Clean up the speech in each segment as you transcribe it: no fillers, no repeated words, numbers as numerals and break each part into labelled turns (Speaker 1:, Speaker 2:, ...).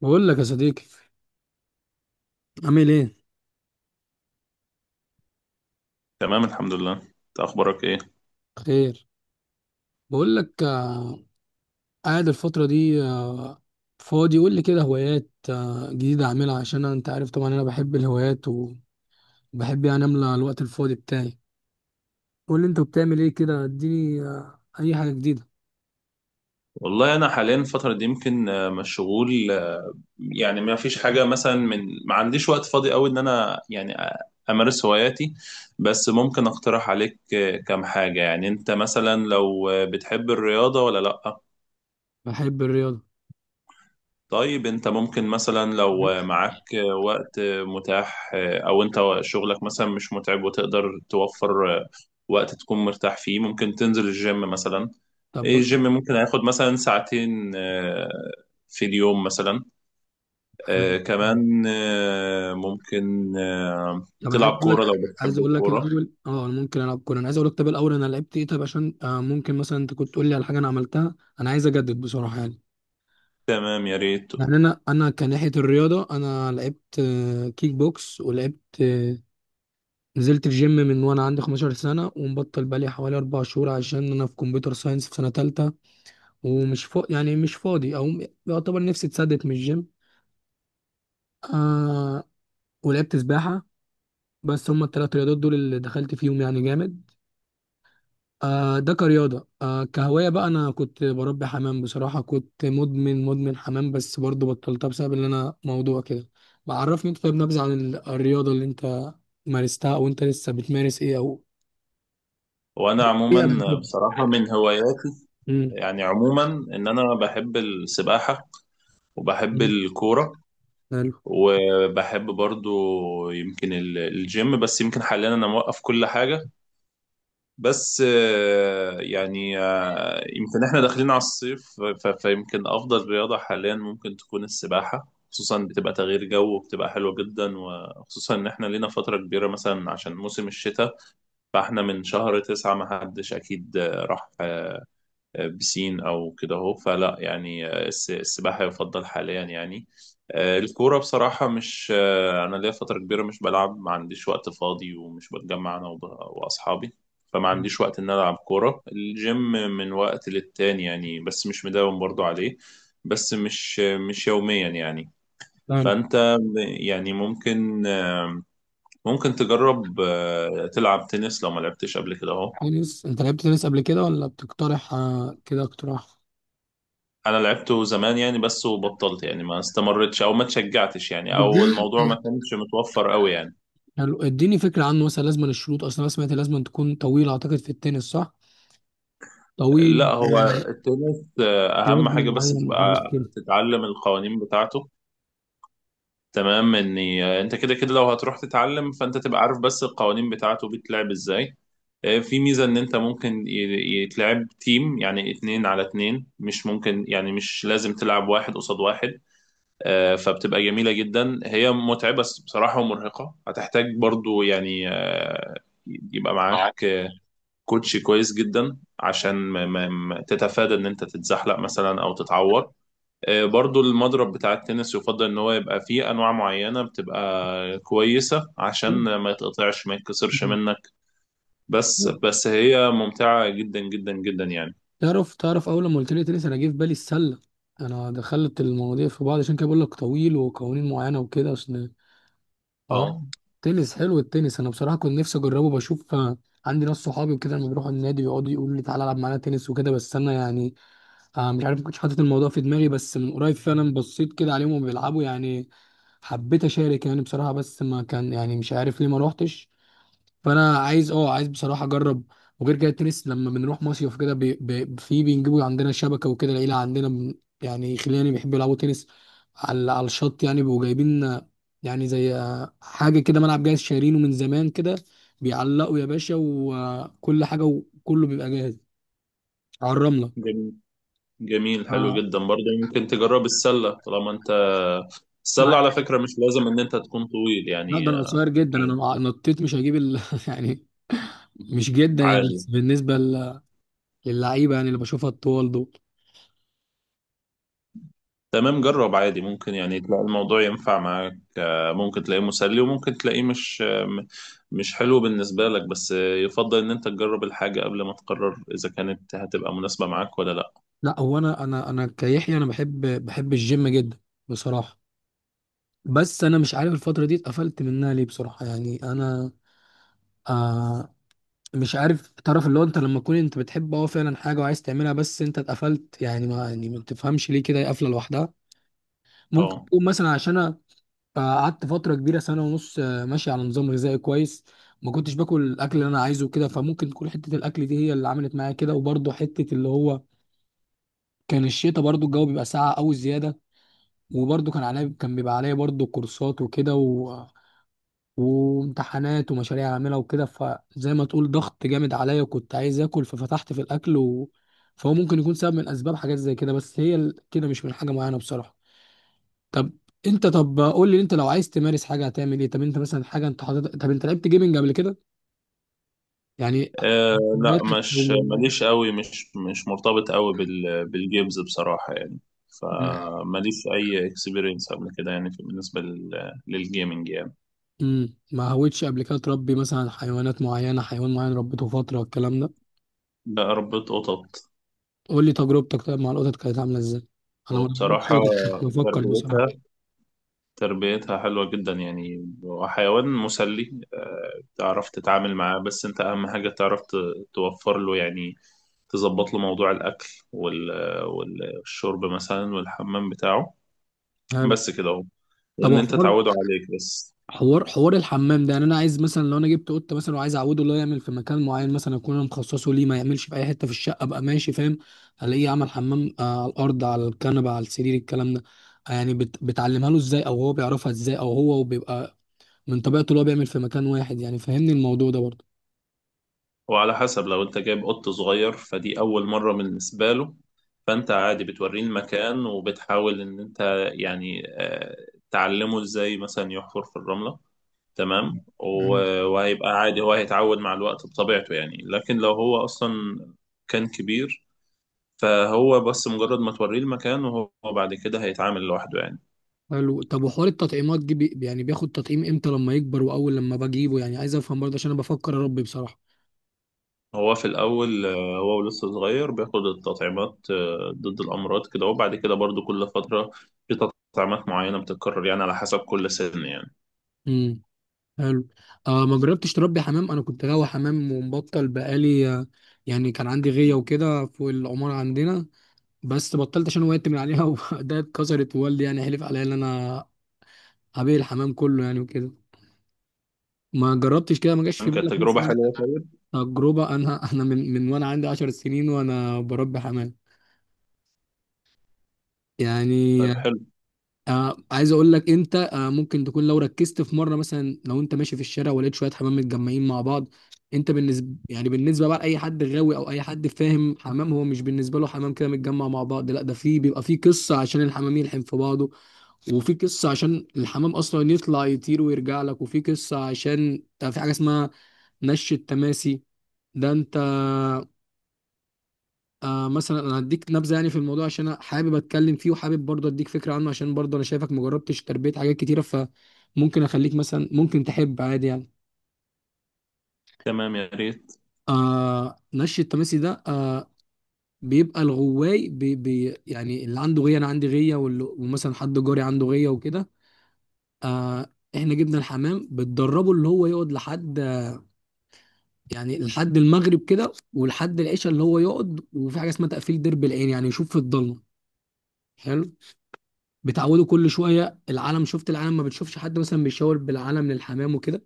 Speaker 1: بقول لك يا صديقي. عامل ايه؟
Speaker 2: تمام، الحمد لله. انت اخبارك ايه؟
Speaker 1: خير. بقول لك قاعد الفتره دي فاضي. قول لي كده هوايات جديده اعملها عشان انت عارف طبعا انا بحب الهوايات وبحب يعني املى الوقت الفاضي بتاعي. قول لي انت بتعمل ايه كده، اديني اي حاجه جديده.
Speaker 2: والله انا حاليا الفتره دي يمكن مشغول. يعني ما فيش حاجه مثلا ما عنديش وقت فاضي قوي ان انا يعني امارس هواياتي. بس ممكن اقترح عليك كام حاجه. يعني انت مثلا لو بتحب الرياضه ولا لا؟
Speaker 1: بحب الرياضه.
Speaker 2: طيب انت ممكن مثلا لو معاك وقت متاح، او انت شغلك مثلا مش متعب وتقدر توفر وقت تكون مرتاح فيه، ممكن تنزل الجيم مثلا.
Speaker 1: طب
Speaker 2: الجيم ممكن هياخد مثلا ساعتين في اليوم مثلا.
Speaker 1: حلو.
Speaker 2: كمان ممكن
Speaker 1: طب انا عايز
Speaker 2: تلعب
Speaker 1: اقول لك،
Speaker 2: كورة لو
Speaker 1: عايز
Speaker 2: بتحب
Speaker 1: اقول لك
Speaker 2: الكورة.
Speaker 1: الاول اه انا ممكن العب كوره. انا عايز اقول لك طب الاول انا لعبت ايه طب عشان ممكن مثلا انت كنت تقول لي على حاجه انا عملتها. انا عايز اجدد بصراحه يعني.
Speaker 2: تمام، يا ريت.
Speaker 1: يعني انا كناحيه الرياضه انا لعبت كيك بوكس ولعبت نزلت الجيم من وانا عندي 15 سنه ومبطل بقالي حوالي 4 شهور عشان انا في كمبيوتر ساينس في سنه تالتة. يعني مش فاضي او يعتبر نفسي اتسدت من الجيم. آه... ولعبت سباحه. بس هما الثلاث رياضات دول اللي دخلت فيهم يعني جامد. آه، ده كرياضة. آه كهواية بقى أنا كنت بربي حمام بصراحة، كنت مدمن حمام بس برضو بطلتها بسبب إن أنا موضوع كده. بعرفني أنت، طيب نبذة عن الرياضة اللي أنت مارستها أو أنت لسه بتمارس إيه، أو
Speaker 2: وانا
Speaker 1: إيه
Speaker 2: عموما
Speaker 1: قبل كده؟
Speaker 2: بصراحة من هواياتي،
Speaker 1: امم
Speaker 2: يعني عموما ان انا بحب السباحة وبحب
Speaker 1: أمم،
Speaker 2: الكورة
Speaker 1: حلو.
Speaker 2: وبحب برضو يمكن الجيم، بس يمكن حاليا انا موقف كل حاجة. بس يعني يمكن احنا داخلين على الصيف، فيمكن افضل رياضة حاليا ممكن تكون السباحة، خصوصا بتبقى تغيير جو وبتبقى حلوة جدا، وخصوصا ان احنا لينا فترة كبيرة مثلا عشان موسم الشتاء. فاحنا من شهر تسعة ما حدش اكيد راح بسين او كده اهو. فلا، يعني السباحه يفضل حاليا يعني. الكوره بصراحه مش انا ليا فتره كبيره مش بلعب، ما عنديش وقت فاضي ومش بتجمع انا واصحابي. فما عنديش وقت ان أنا العب كوره. الجيم من وقت للتاني يعني، بس مش مداوم برضو عليه، بس مش يوميا يعني.
Speaker 1: حلو.
Speaker 2: فانت يعني ممكن تجرب تلعب تنس لو ما لعبتش قبل كده اهو.
Speaker 1: تنس؟ أنت لعبت تنس قبل كده ولا بتقترح آه كده اقتراح؟
Speaker 2: انا لعبته زمان يعني بس، وبطلت يعني، ما استمرتش او ما اتشجعتش يعني، او
Speaker 1: بديني.
Speaker 2: الموضوع ما كانش متوفر قوي يعني.
Speaker 1: حلو، اديني فكرة عنه. مثلا لازم الشروط، أصلا أنا سمعت لازم تكون طويل أعتقد في التنس، صح؟ طويل،
Speaker 2: لا، هو التنس اهم
Speaker 1: وزن
Speaker 2: حاجة بس
Speaker 1: معين
Speaker 2: تبقى
Speaker 1: وحاجات
Speaker 2: تتعلم القوانين بتاعته. تمام، اني انت كده كده لو هتروح تتعلم فانت تبقى عارف بس القوانين بتاعته بيتلعب ازاي. في ميزة ان انت ممكن يتلعب تيم، يعني اتنين على اتنين، مش ممكن يعني مش لازم تلعب واحد قصاد واحد. فبتبقى جميلة جدا، هي متعبة بصراحة ومرهقة، هتحتاج برضو يعني يبقى معاك كوتش كويس جدا عشان ما تتفادى ان انت تتزحلق مثلا او تتعور. برضو المضرب بتاع التنس يفضل ان هو يبقى فيه انواع معينة بتبقى كويسة عشان ما يتقطعش ما يتكسرش منك. بس
Speaker 1: كده.
Speaker 2: بس هي ممتعة جدا جدا جدا يعني.
Speaker 1: تعرف اول لما قلت لي تنس انا جه في بالي السله. انا دخلت المواضيع في بعض عشان كده بقول لك طويل وقوانين معينه وكده، عشان اه.
Speaker 2: اه،
Speaker 1: تنس حلو التنس، انا بصراحه كنت نفسي اجربه بشوف. عندي ناس صحابي وكده لما بيروحوا النادي بيقعدوا يقولوا لي تعالى العب معانا تنس وكده، بس انا يعني مش عارف ما كنتش حاطط الموضوع في دماغي، بس من قريب فعلا بصيت كده عليهم وهم بيلعبوا يعني. حبيت اشارك يعني بصراحه، بس ما كان يعني مش عارف ليه ما روحتش. فانا عايز اه عايز بصراحه اجرب. وغير كده التنس لما بنروح مصيف كده بي بي في بينجيبوا عندنا شبكه وكده. العيله عندنا يعني خلاني بيحبوا يلعبوا تنس على الشط يعني. بيبقوا جايبين يعني زي حاجه كده، ملعب جاهز شايرينه من زمان كده، بيعلقوا يا باشا وكل حاجه وكله بيبقى جاهز على الرمله.
Speaker 2: جميل جميل، حلو
Speaker 1: اه
Speaker 2: جدا. برضه ممكن تجرب السلة طالما انت. السلة على
Speaker 1: مع-
Speaker 2: فكرة مش لازم ان انت تكون طويل
Speaker 1: لا ده
Speaker 2: يعني،
Speaker 1: انا صغير جدا، انا نطيت مش هجيب يعني مش جدا يعني،
Speaker 2: عادي.
Speaker 1: بس بالنسبه للعيبه يعني اللي بشوفها الطوال دول.
Speaker 2: تمام، جرب عادي. ممكن يعني تلاقي الموضوع ينفع معاك، ممكن تلاقيه مسلي وممكن تلاقيه مش مش حلو بالنسبة لك، بس يفضل ان انت تجرب الحاجة قبل ما تقرر اذا كانت هتبقى مناسبة معاك ولا لا.
Speaker 1: لا هو انا كيحيى انا بحب، بحب الجيم جدا بصراحه. بس انا مش عارف الفتره دي اتقفلت منها ليه بصراحه يعني انا آه. مش عارف، تعرف اللي هو انت لما تكون انت بتحب اه فعلا حاجه وعايز تعملها بس انت اتقفلت، يعني ما يعني ما تفهمش ليه كده هي قافله لوحدها. ممكن
Speaker 2: اه،
Speaker 1: تكون مثلا عشان انا قعدت فتره كبيره سنه ونص ماشي على نظام غذائي كويس. ما كنتش باكل الاكل اللي انا عايزه كده، فممكن تكون حته الاكل دي هي اللي عملت معايا كده. وبرضه حته اللي هو كان الشتاء، برضه الجو بيبقى ساقع قوي زياده. وبرضه كان عليا، كان بيبقى عليا برضه كورسات وكده وامتحانات ومشاريع اعملها وكده، فزي ما تقول ضغط جامد عليا وكنت عايز اكل ففتحت في الاكل فهو ممكن يكون سبب من اسباب حاجات زي كده، بس هي كده مش من حاجه معينه بصراحه. طب انت، طب قول لي انت لو عايز تمارس حاجه هتعمل ايه؟ طب انت مثلا حاجه انت حاطط، طب انت لعبت جيمنج قبل كده يعني؟
Speaker 2: أه. لا،
Speaker 1: هواياتك.
Speaker 2: مش ماليش قوي، مش مرتبط قوي بالجيمز بصراحة يعني. فماليش أي اكسبيرينس قبل كده يعني، بالنسبة للجيمنج يعني.
Speaker 1: ما هويتش قبل كده تربي مثلا حيوانات معينه، حيوان معين ربيته فتره والكلام ده؟
Speaker 2: بقى ربيت قطط.
Speaker 1: قول لي تجربتك طيب مع القطط كانت عامله ازاي؟ انا ما ربيتش
Speaker 2: وبصراحة
Speaker 1: قطط كنت بفكر بصراحه.
Speaker 2: تربيتها تربيتها حلوة جدا يعني، وحيوان مسلي. أه، تعرف تتعامل معاه، بس أنت أهم حاجة تعرف توفر له يعني، تظبط له موضوع الأكل وال والشرب مثلا، والحمام بتاعه.
Speaker 1: هل
Speaker 2: بس كده اهو،
Speaker 1: طب
Speaker 2: وان انت
Speaker 1: حوار
Speaker 2: تعوده عليك بس.
Speaker 1: حوار الحمام ده، يعني انا عايز مثلا لو انا جبت قطه مثلا وعايز اعوده اللي هو يعمل في مكان معين مثلا اكون انا مخصصه ليه، ما يعملش في اي حته في الشقه، ابقى ماشي فاهم. الاقيه عمل حمام على الارض، على الكنبه، على السرير، الكلام ده. يعني بتعلمها له ازاي او هو بيعرفها ازاي، او هو بيبقى من طبيعته اللي هو بيعمل في مكان واحد يعني، فهمني الموضوع ده برضه.
Speaker 2: وعلى حسب، لو انت جايب قط صغير فدي اول مرة بالنسبة له، فانت عادي بتوريه المكان وبتحاول ان انت يعني تعلمه ازاي مثلا يحفر في الرملة. تمام، وهيبقى عادي، هو هيتعود مع الوقت بطبيعته يعني. لكن لو هو اصلا كان كبير، فهو بس مجرد ما توريه المكان وهو بعد كده هيتعامل لوحده يعني.
Speaker 1: حلو طب، وحوار التطعيمات دي، بي يعني بياخد تطعيم امتى لما يكبر واول لما بجيبه؟ يعني عايز افهم برضه عشان انا بفكر اربي بصراحه.
Speaker 2: هو في الأول هو لسه صغير بياخد التطعيمات ضد الأمراض كده، وبعد كده برضو كل فترة في تطعيمات معينة بتتكرر يعني، على حسب كل سن يعني.
Speaker 1: امم حلو. آه ما جربتش تربي حمام. انا كنت غاوي حمام ومبطل بقالي يعني. كان عندي غيه وكده فوق العماره عندنا، بس بطلت عشان وقعت من عليها وده اتكسرت ووالدي يعني حلف عليا ان انا هبيع الحمام كله يعني وكده. ما جربتش كده، ما جاش في
Speaker 2: تمام، كانت
Speaker 1: بالك
Speaker 2: تجربة
Speaker 1: مثلا
Speaker 2: حلوة طيب.
Speaker 1: تجربه؟ انا من وانا عندي 10 سنين وانا بربي حمام يعني.
Speaker 2: طيب، حلو.
Speaker 1: آه عايز اقول لك انت، آه ممكن تكون لو ركزت في مره مثلا لو انت ماشي في الشارع ولقيت شويه حمام متجمعين مع بعض. انت بالنسبه يعني بالنسبه بقى لاي حد غاوي او اي حد فاهم حمام، هو مش بالنسبه له حمام كده متجمع مع بعض، لا ده في بيبقى في قصه عشان الحمام يلحم في بعضه، وفي قصه عشان الحمام اصلا يطلع يطير ويرجع لك، وفي قصه عشان ده في حاجه اسمها نش التماسي. ده انت آه مثلا انا هديك نبذه يعني في الموضوع عشان انا حابب اتكلم فيه، وحابب برضه اديك فكره عنه عشان برضه انا شايفك مجربتش تربيه حاجات كتيره، فممكن اخليك مثلا ممكن تحب عادي يعني.
Speaker 2: تمام يا ريت.
Speaker 1: آه نش التماسي ده آه بيبقى الغواي بي بي يعني اللي عنده غيه، انا عندي غيه ومثلا حد جاري عنده غيه وكده. آه احنا جبنا الحمام بتدربه اللي هو يقعد لحد يعني لحد المغرب كده ولحد العشاء اللي هو يقعد. وفي حاجه اسمها تقفيل درب العين يعني يشوف في الضلمه. حلو. بتعودوا كل شويه العلم، شفت العلم؟ ما بتشوفش حد مثلا بيشاور بالعلم للحمام وكده؟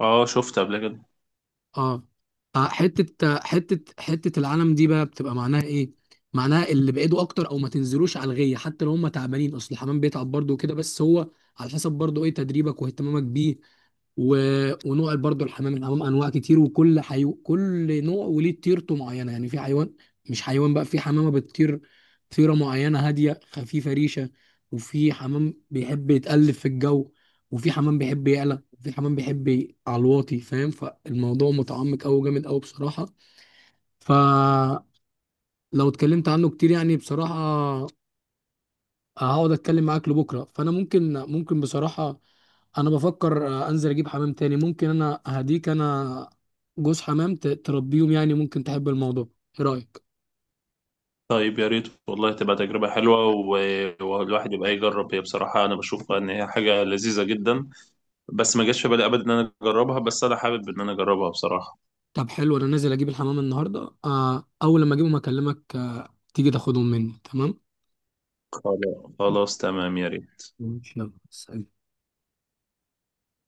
Speaker 2: اه، شفت قبل كده.
Speaker 1: اه. حته العلم دي بقى بتبقى معناها ايه؟ معناها اللي بعيدوا اكتر او ما تنزلوش على الغيه حتى لو هم تعبانين، اصل الحمام بيتعب برضه وكده. بس هو على حسب برضه ايه تدريبك واهتمامك بيه و... ونوع برضو الحمام. الحمام انواع كتير، وكل كل نوع وليه طيرته معينه يعني. في حيوان، مش حيوان بقى، في حمامه بتطير طيره معينه هاديه خفيفه ريشه، وفي حمام بيحب يتقلب في الجو، وفي حمام بيحب يعلى، وفي حمام بيحب على الواطي فاهم. فالموضوع متعمق قوي جامد قوي بصراحه. فلو اتكلمت عنه كتير يعني بصراحه هقعد اتكلم معاك لبكره. فانا ممكن بصراحه انا بفكر انزل اجيب حمام تاني. ممكن انا هديك انا جوز حمام تربيهم يعني ممكن تحب الموضوع. ايه رايك؟
Speaker 2: طيب، يا ريت والله، تبقى تجربة حلوة، والواحد يبقى يجرب. هي بصراحة أنا بشوفها إن هي حاجة لذيذة جدا. بس ما جاش في بالي أبدا إن أنا أجربها، بس أنا حابب إن أنا أجربها بصراحة.
Speaker 1: طب حلو انا نازل اجيب الحمام النهارده اول لما اجيبهم اكلمك تيجي تاخدهم مني، تمام؟
Speaker 2: خلاص خلاص، تمام، يا ريت.
Speaker 1: ماشي يلا سلام.